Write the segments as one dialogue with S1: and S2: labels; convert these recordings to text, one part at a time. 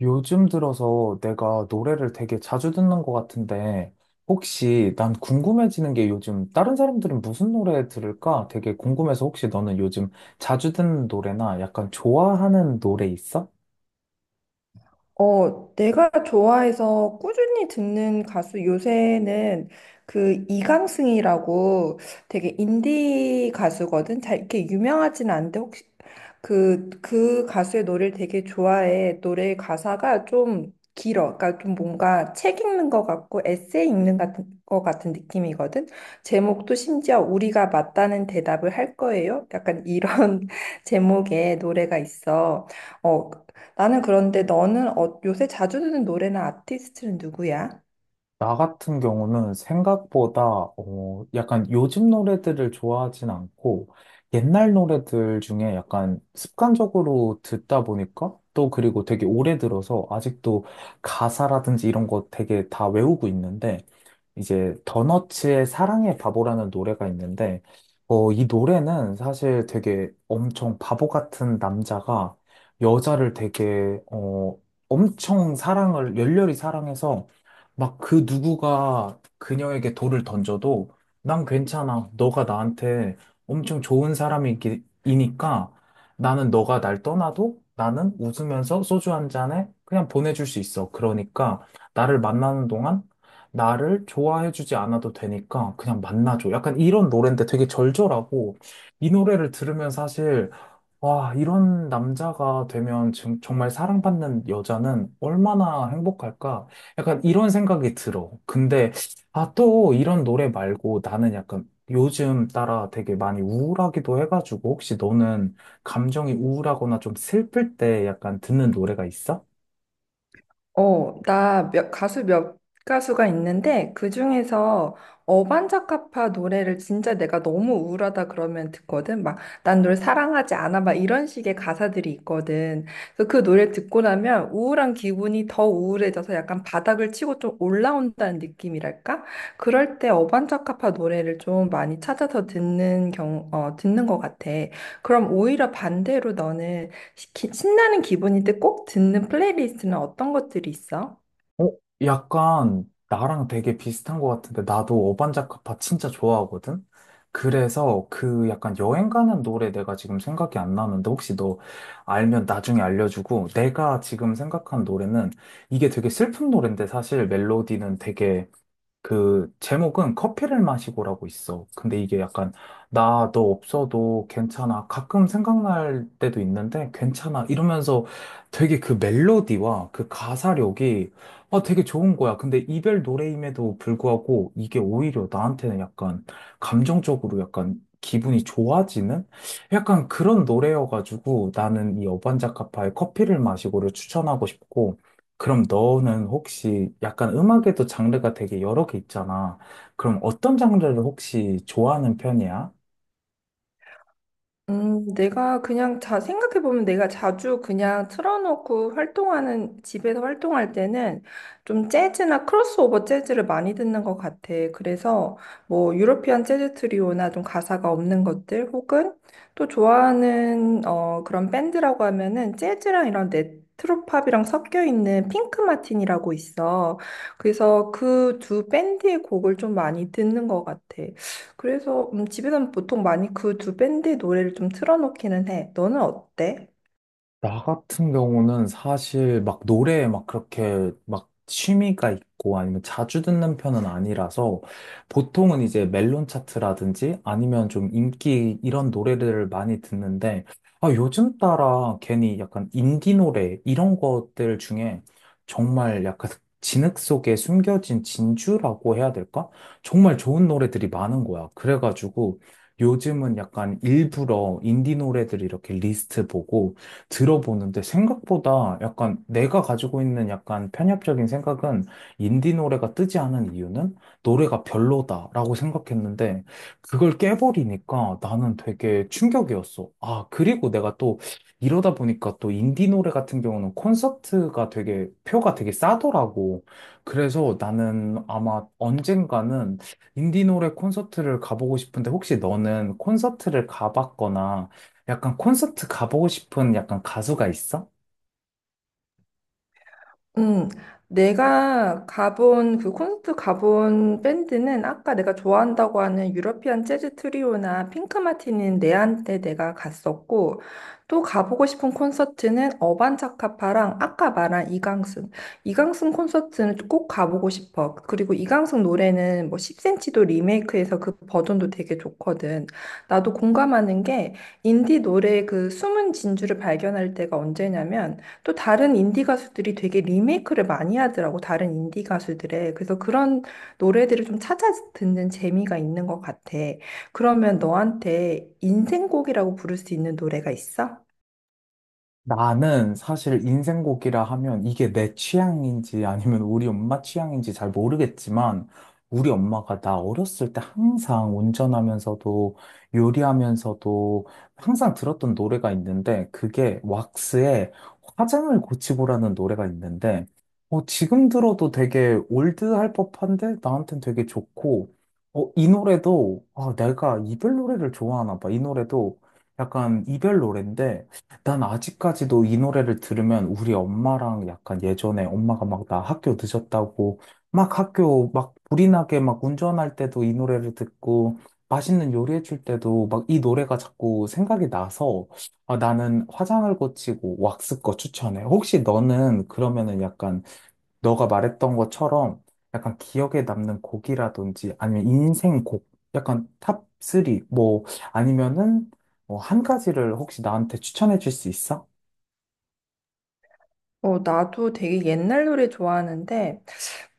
S1: 요즘 들어서 내가 노래를 되게 자주 듣는 것 같은데, 혹시 난 궁금해지는 게 요즘 다른 사람들은 무슨 노래 들을까? 되게 궁금해서 혹시 너는 요즘 자주 듣는 노래나 약간 좋아하는 노래 있어?
S2: 내가 좋아해서 꾸준히 듣는 가수 요새는 그 이강승이라고 되게 인디 가수거든. 잘 이렇게 유명하진 않은데 혹시 그 가수의 노래를 되게 좋아해. 노래 가사가 좀 길어. 그러니까 좀 뭔가 책 읽는 것 같고 에세이 읽는 것 같은 느낌이거든. 제목도 심지어 우리가 맞다는 대답을 할 거예요. 약간 이런 제목의 노래가 있어. 어, 나는 그런데 너는 요새 자주 듣는 노래나 아티스트는 누구야?
S1: 나 같은 경우는 생각보다 약간 요즘 노래들을 좋아하진 않고 옛날 노래들 중에 약간 습관적으로 듣다 보니까 또 그리고 되게 오래 들어서 아직도 가사라든지 이런 거 되게 다 외우고 있는데 이제 더너츠의 사랑의 바보라는 노래가 있는데. 이 노래는 사실 되게 엄청 바보 같은 남자가 여자를 되게 엄청 사랑을 열렬히 사랑해서 막 그 누구가 그녀에게 돌을 던져도 난 괜찮아. 너가 나한테 엄청 좋은 사람이니까 나는 너가 날 떠나도 나는 웃으면서 소주 한 잔에 그냥 보내줄 수 있어. 그러니까 나를 만나는 동안 나를 좋아해주지 않아도 되니까 그냥 만나줘. 약간 이런 노래인데 되게 절절하고 이 노래를 들으면 사실 와, 이런 남자가 되면 정말 사랑받는 여자는 얼마나 행복할까? 약간 이런 생각이 들어. 근데, 아, 또 이런 노래 말고 나는 약간 요즘 따라 되게 많이 우울하기도 해가지고 혹시 너는 감정이 우울하거나 좀 슬플 때 약간 듣는 노래가 있어?
S2: 나 가수가 있는데 그중에서 어반자카파 노래를 진짜 내가 너무 우울하다 그러면 듣거든. 막 난 널 사랑하지 않아 막 이런 식의 가사들이 있거든. 그래서 그 노래 듣고 나면 우울한 기분이 더 우울해져서 약간 바닥을 치고 좀 올라온다는 느낌이랄까? 그럴 때 어반자카파 노래를 좀 많이 찾아서 듣는 것 같아. 그럼 오히려 반대로 너는 신나는 기분일 때 꼭 듣는 플레이리스트는 어떤 것들이 있어?
S1: 어? 약간 나랑 되게 비슷한 것 같은데 나도 어반자카파 진짜 좋아하거든? 그래서 그 약간 여행 가는 노래 내가 지금 생각이 안 나는데 혹시 너 알면 나중에 알려주고 내가 지금 생각한 노래는 이게 되게 슬픈 노래인데 사실 멜로디는 되게, 그 제목은 커피를 마시고라고 있어. 근데 이게 약간 나 너 없어도 괜찮아. 가끔 생각날 때도 있는데 괜찮아. 이러면서 되게 그 멜로디와 그 가사력이 아 되게 좋은 거야. 근데 이별 노래임에도 불구하고 이게 오히려 나한테는 약간 감정적으로 약간 기분이 좋아지는 약간 그런 노래여가지고 나는 이 어반자카파의 커피를 마시고를 추천하고 싶고, 그럼 너는 혹시 약간 음악에도 장르가 되게 여러 개 있잖아. 그럼 어떤 장르를 혹시 좋아하는 편이야?
S2: 내가 그냥 생각해보면 내가 자주 그냥 틀어놓고 활동하는, 집에서 활동할 때는 좀 재즈나 크로스오버 재즈를 많이 듣는 것 같아. 그래서 뭐 유러피안 재즈 트리오나 좀 가사가 없는 것들 혹은 또 좋아하는 그런 밴드라고 하면은 재즈랑 이런 네트로팝이랑 섞여 있는 핑크 마틴이라고 있어. 그래서 그 두 밴드의 곡을 좀 많이 듣는 것 같아. 그래서 집에서는 보통 많이 그 두 밴드의 노래를 좀 틀어놓기는 해. 너는 어때?
S1: 나 같은 경우는 사실 막 노래에 막 그렇게 막 취미가 있고 아니면 자주 듣는 편은 아니라서 보통은 이제 멜론 차트라든지 아니면 좀 인기 이런 노래들을 많이 듣는데, 아, 요즘 따라 괜히 약간 인디 노래 이런 것들 중에 정말 약간 진흙 속에 숨겨진 진주라고 해야 될까? 정말 좋은 노래들이 많은 거야. 그래가지고 요즘은 약간 일부러 인디 노래들 이렇게 리스트 보고 들어보는데 생각보다 약간 내가 가지고 있는 약간 편협적인 생각은 인디 노래가 뜨지 않은 이유는 노래가 별로다라고 생각했는데 그걸 깨버리니까 나는 되게 충격이었어. 아, 그리고 내가 또 이러다 보니까 또 인디 노래 같은 경우는 콘서트가 되게 표가 되게 싸더라고. 그래서 나는 아마 언젠가는 인디 노래 콘서트를 가보고 싶은데 혹시 너는 콘서트를 가봤거나 약간 콘서트 가보고 싶은 약간 가수가 있어?
S2: 음, 내가 가본, 그 콘서트 가본 밴드는 아까 내가 좋아한다고 하는 유러피안 재즈 트리오나 핑크 마티닌 내한테 내가 갔었고, 또 가보고 싶은 콘서트는 어반자카파랑 아까 말한 이강승. 이강승 콘서트는 꼭 가보고 싶어. 그리고 이강승 노래는 뭐 10cm도 리메이크해서 그 버전도 되게 좋거든. 나도 공감하는 게 인디 노래의 그 숨은 진주를 발견할 때가 언제냐면, 또 다른 인디 가수들이 되게 리메이크를 많이 하더라고, 다른 인디 가수들의. 그래서 그런 노래들을 좀 찾아 듣는 재미가 있는 것 같아. 그러면 너한테 인생곡이라고 부를 수 있는 노래가 있어?
S1: 나는 사실 인생곡이라 하면 이게 내 취향인지 아니면 우리 엄마 취향인지 잘 모르겠지만 우리 엄마가 나 어렸을 때 항상 운전하면서도 요리하면서도 항상 들었던 노래가 있는데 그게 왁스의 화장을 고치고라는 노래가 있는데 지금 들어도 되게 올드할 법한데 나한텐 되게 좋고, 이 노래도 아, 내가 이별 노래를 좋아하나 봐. 이 노래도 약간 이별 노래인데 난 아직까지도 이 노래를 들으면 우리 엄마랑 약간 예전에 엄마가 막 나 학교 늦었다고 막 학교 막 불이 나게 막 운전할 때도 이 노래를 듣고 맛있는 요리해 줄 때도 막 이 노래가 자꾸 생각이 나서 아, 나는 화장을 고치고 왁스 거 추천해. 혹시 너는 그러면은 약간 너가 말했던 것처럼 약간 기억에 남는 곡이라든지 아니면 인생 곡, 약간 탑3, 뭐 아니면은 뭐 한 가지를 혹시 나한테 추천해 줄 수 있어?
S2: 나도 되게 옛날 노래 좋아하는데,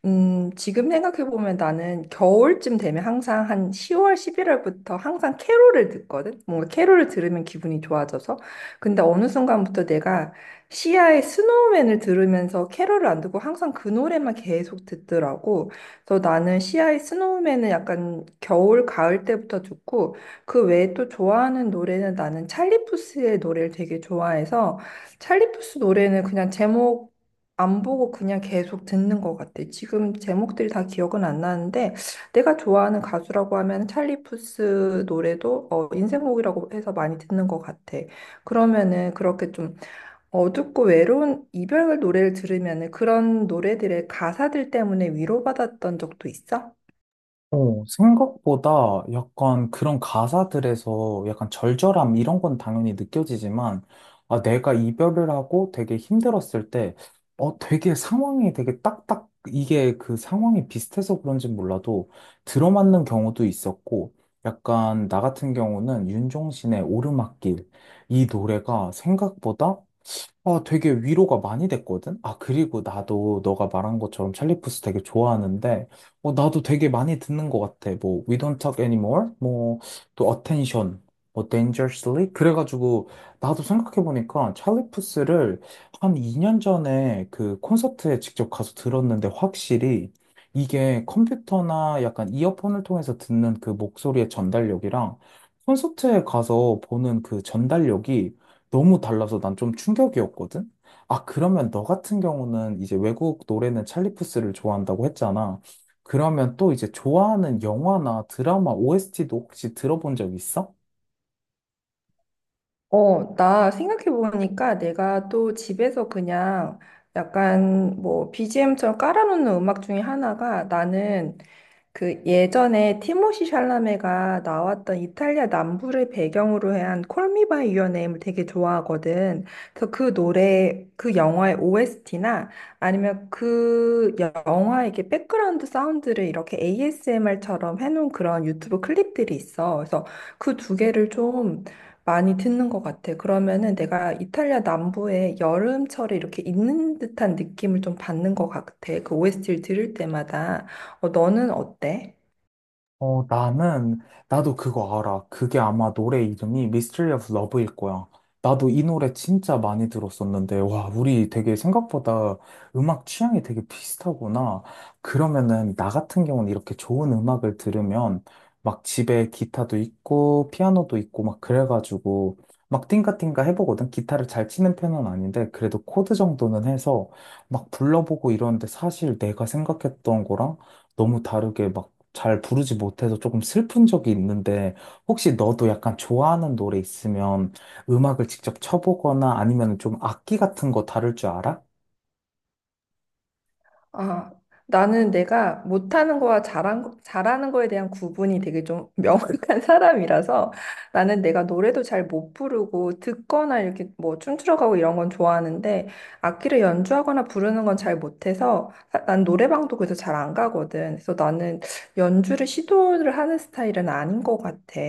S2: 지금 생각해보면 나는 겨울쯤 되면 항상 한 10월, 11월부터 항상 캐롤을 듣거든? 뭔가 캐롤을 들으면 기분이 좋아져서. 근데 어느 순간부터 내가 시아의 스노우맨을 들으면서 캐롤을 안 듣고 항상 그 노래만 계속 듣더라고. 그래서 나는 시아의 스노우맨은 약간 겨울, 가을 때부터 듣고 그 외에 또 좋아하는 노래는 나는 찰리 푸스의 노래를 되게 좋아해서 찰리 푸스 노래는 그냥 제목 안 보고 그냥 계속 듣는 것 같아. 지금 제목들이 다 기억은 안 나는데 내가 좋아하는 가수라고 하면 찰리 푸스 노래도 인생곡이라고 해서 많이 듣는 것 같아. 그러면은 그렇게 좀 어둡고 외로운 이별 노래를 들으면은 그런 노래들의 가사들 때문에 위로받았던 적도 있어?
S1: 생각보다 약간 그런 가사들에서 약간 절절함 이런 건 당연히 느껴지지만, 아, 내가 이별을 하고 되게 힘들었을 때, 되게 상황이 되게 이게 그 상황이 비슷해서 그런지 몰라도 들어맞는 경우도 있었고, 약간 나 같은 경우는 윤종신의 오르막길, 이 노래가 생각보다 아, 되게 위로가 많이 됐거든? 아, 그리고 나도 너가 말한 것처럼 찰리 푸스 되게 좋아하는데, 나도 되게 많이 듣는 것 같아. 뭐, We Don't Talk Anymore, 뭐, 또 Attention, 뭐, Dangerously? 그래가지고, 나도 생각해보니까 찰리 푸스를 한 2년 전에 그 콘서트에 직접 가서 들었는데, 확실히 이게 컴퓨터나 약간 이어폰을 통해서 듣는 그 목소리의 전달력이랑 콘서트에 가서 보는 그 전달력이 너무 달라서 난 좀 충격이었거든? 아, 그러면 너 같은 경우는 이제 외국 노래는 찰리 푸스를 좋아한다고 했잖아. 그러면 또 이제 좋아하는 영화나 드라마 OST도 혹시 들어본 적 있어?
S2: 나 생각해보니까 내가 또 집에서 그냥 약간 뭐 BGM처럼 깔아놓는 음악 중에 하나가 나는 그 예전에 티모시 샬라메가 나왔던 이탈리아 남부를 배경으로 한 콜미 바이 유어 네임을 되게 좋아하거든. 그래서 그 노래, 그 영화의 OST나 아니면 그 영화의 이렇게 백그라운드 사운드를 이렇게 ASMR처럼 해놓은 그런 유튜브 클립들이 있어. 그래서 그 두 개를 좀 많이 듣는 것 같아. 그러면은 내가 이탈리아 남부에 여름철에 이렇게 있는 듯한 느낌을 좀 받는 것 같아. 그 OST를 들을 때마다. 너는 어때?
S1: 어, 나는, 나도 그거 알아. 그게 아마 노래 이름이 Mystery of Love일 거야. 나도 이 노래 진짜 많이 들었었는데, 와, 우리 되게 생각보다 음악 취향이 되게 비슷하구나. 그러면은, 나 같은 경우는 이렇게 좋은 음악을 들으면, 막 집에 기타도 있고, 피아노도 있고, 막 그래가지고, 막 띵가띵가 해보거든. 기타를 잘 치는 편은 아닌데, 그래도 코드 정도는 해서, 막 불러보고 이러는데, 사실 내가 생각했던 거랑, 너무 다르게 막 잘 부르지 못해서 조금 슬픈 적이 있는데 혹시 너도 약간 좋아하는 노래 있으면 음악을 직접 쳐보거나 아니면 좀 악기 같은 거 다룰 줄 알아?
S2: 아, 나는 내가 못하는 거와 잘하는 거에 대한 구분이 되게 좀 명확한 사람이라서 나는 내가 노래도 잘 못 부르고 듣거나 이렇게 뭐 춤추러 가고 이런 건 좋아하는데 악기를 연주하거나 부르는 건 잘 못해서 난 노래방도 그래서 잘 안 가거든. 그래서 나는 연주를 시도를 하는 스타일은 아닌 것 같아.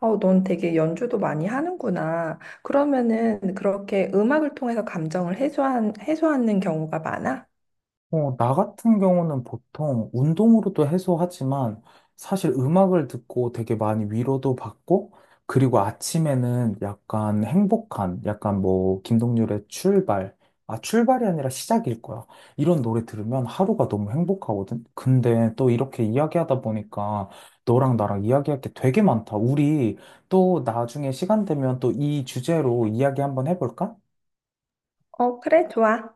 S2: 넌 되게 연주도 많이 하는구나. 그러면은 그렇게 음악을 통해서 감정을 해소하는 경우가 많아?
S1: 나 같은 경우는 보통 운동으로도 해소하지만 사실 음악을 듣고 되게 많이 위로도 받고 그리고 아침에는 약간 행복한 약간 뭐 김동률의 출발, 아 출발이 아니라 시작일 거야. 이런 노래 들으면 하루가 너무 행복하거든. 근데 또 이렇게 이야기하다 보니까 너랑 나랑 이야기할 게 되게 많다 우리. 또 나중에 시간 되면 또 이 주제로 이야기 한번 해볼까?
S2: 그래, 좋아.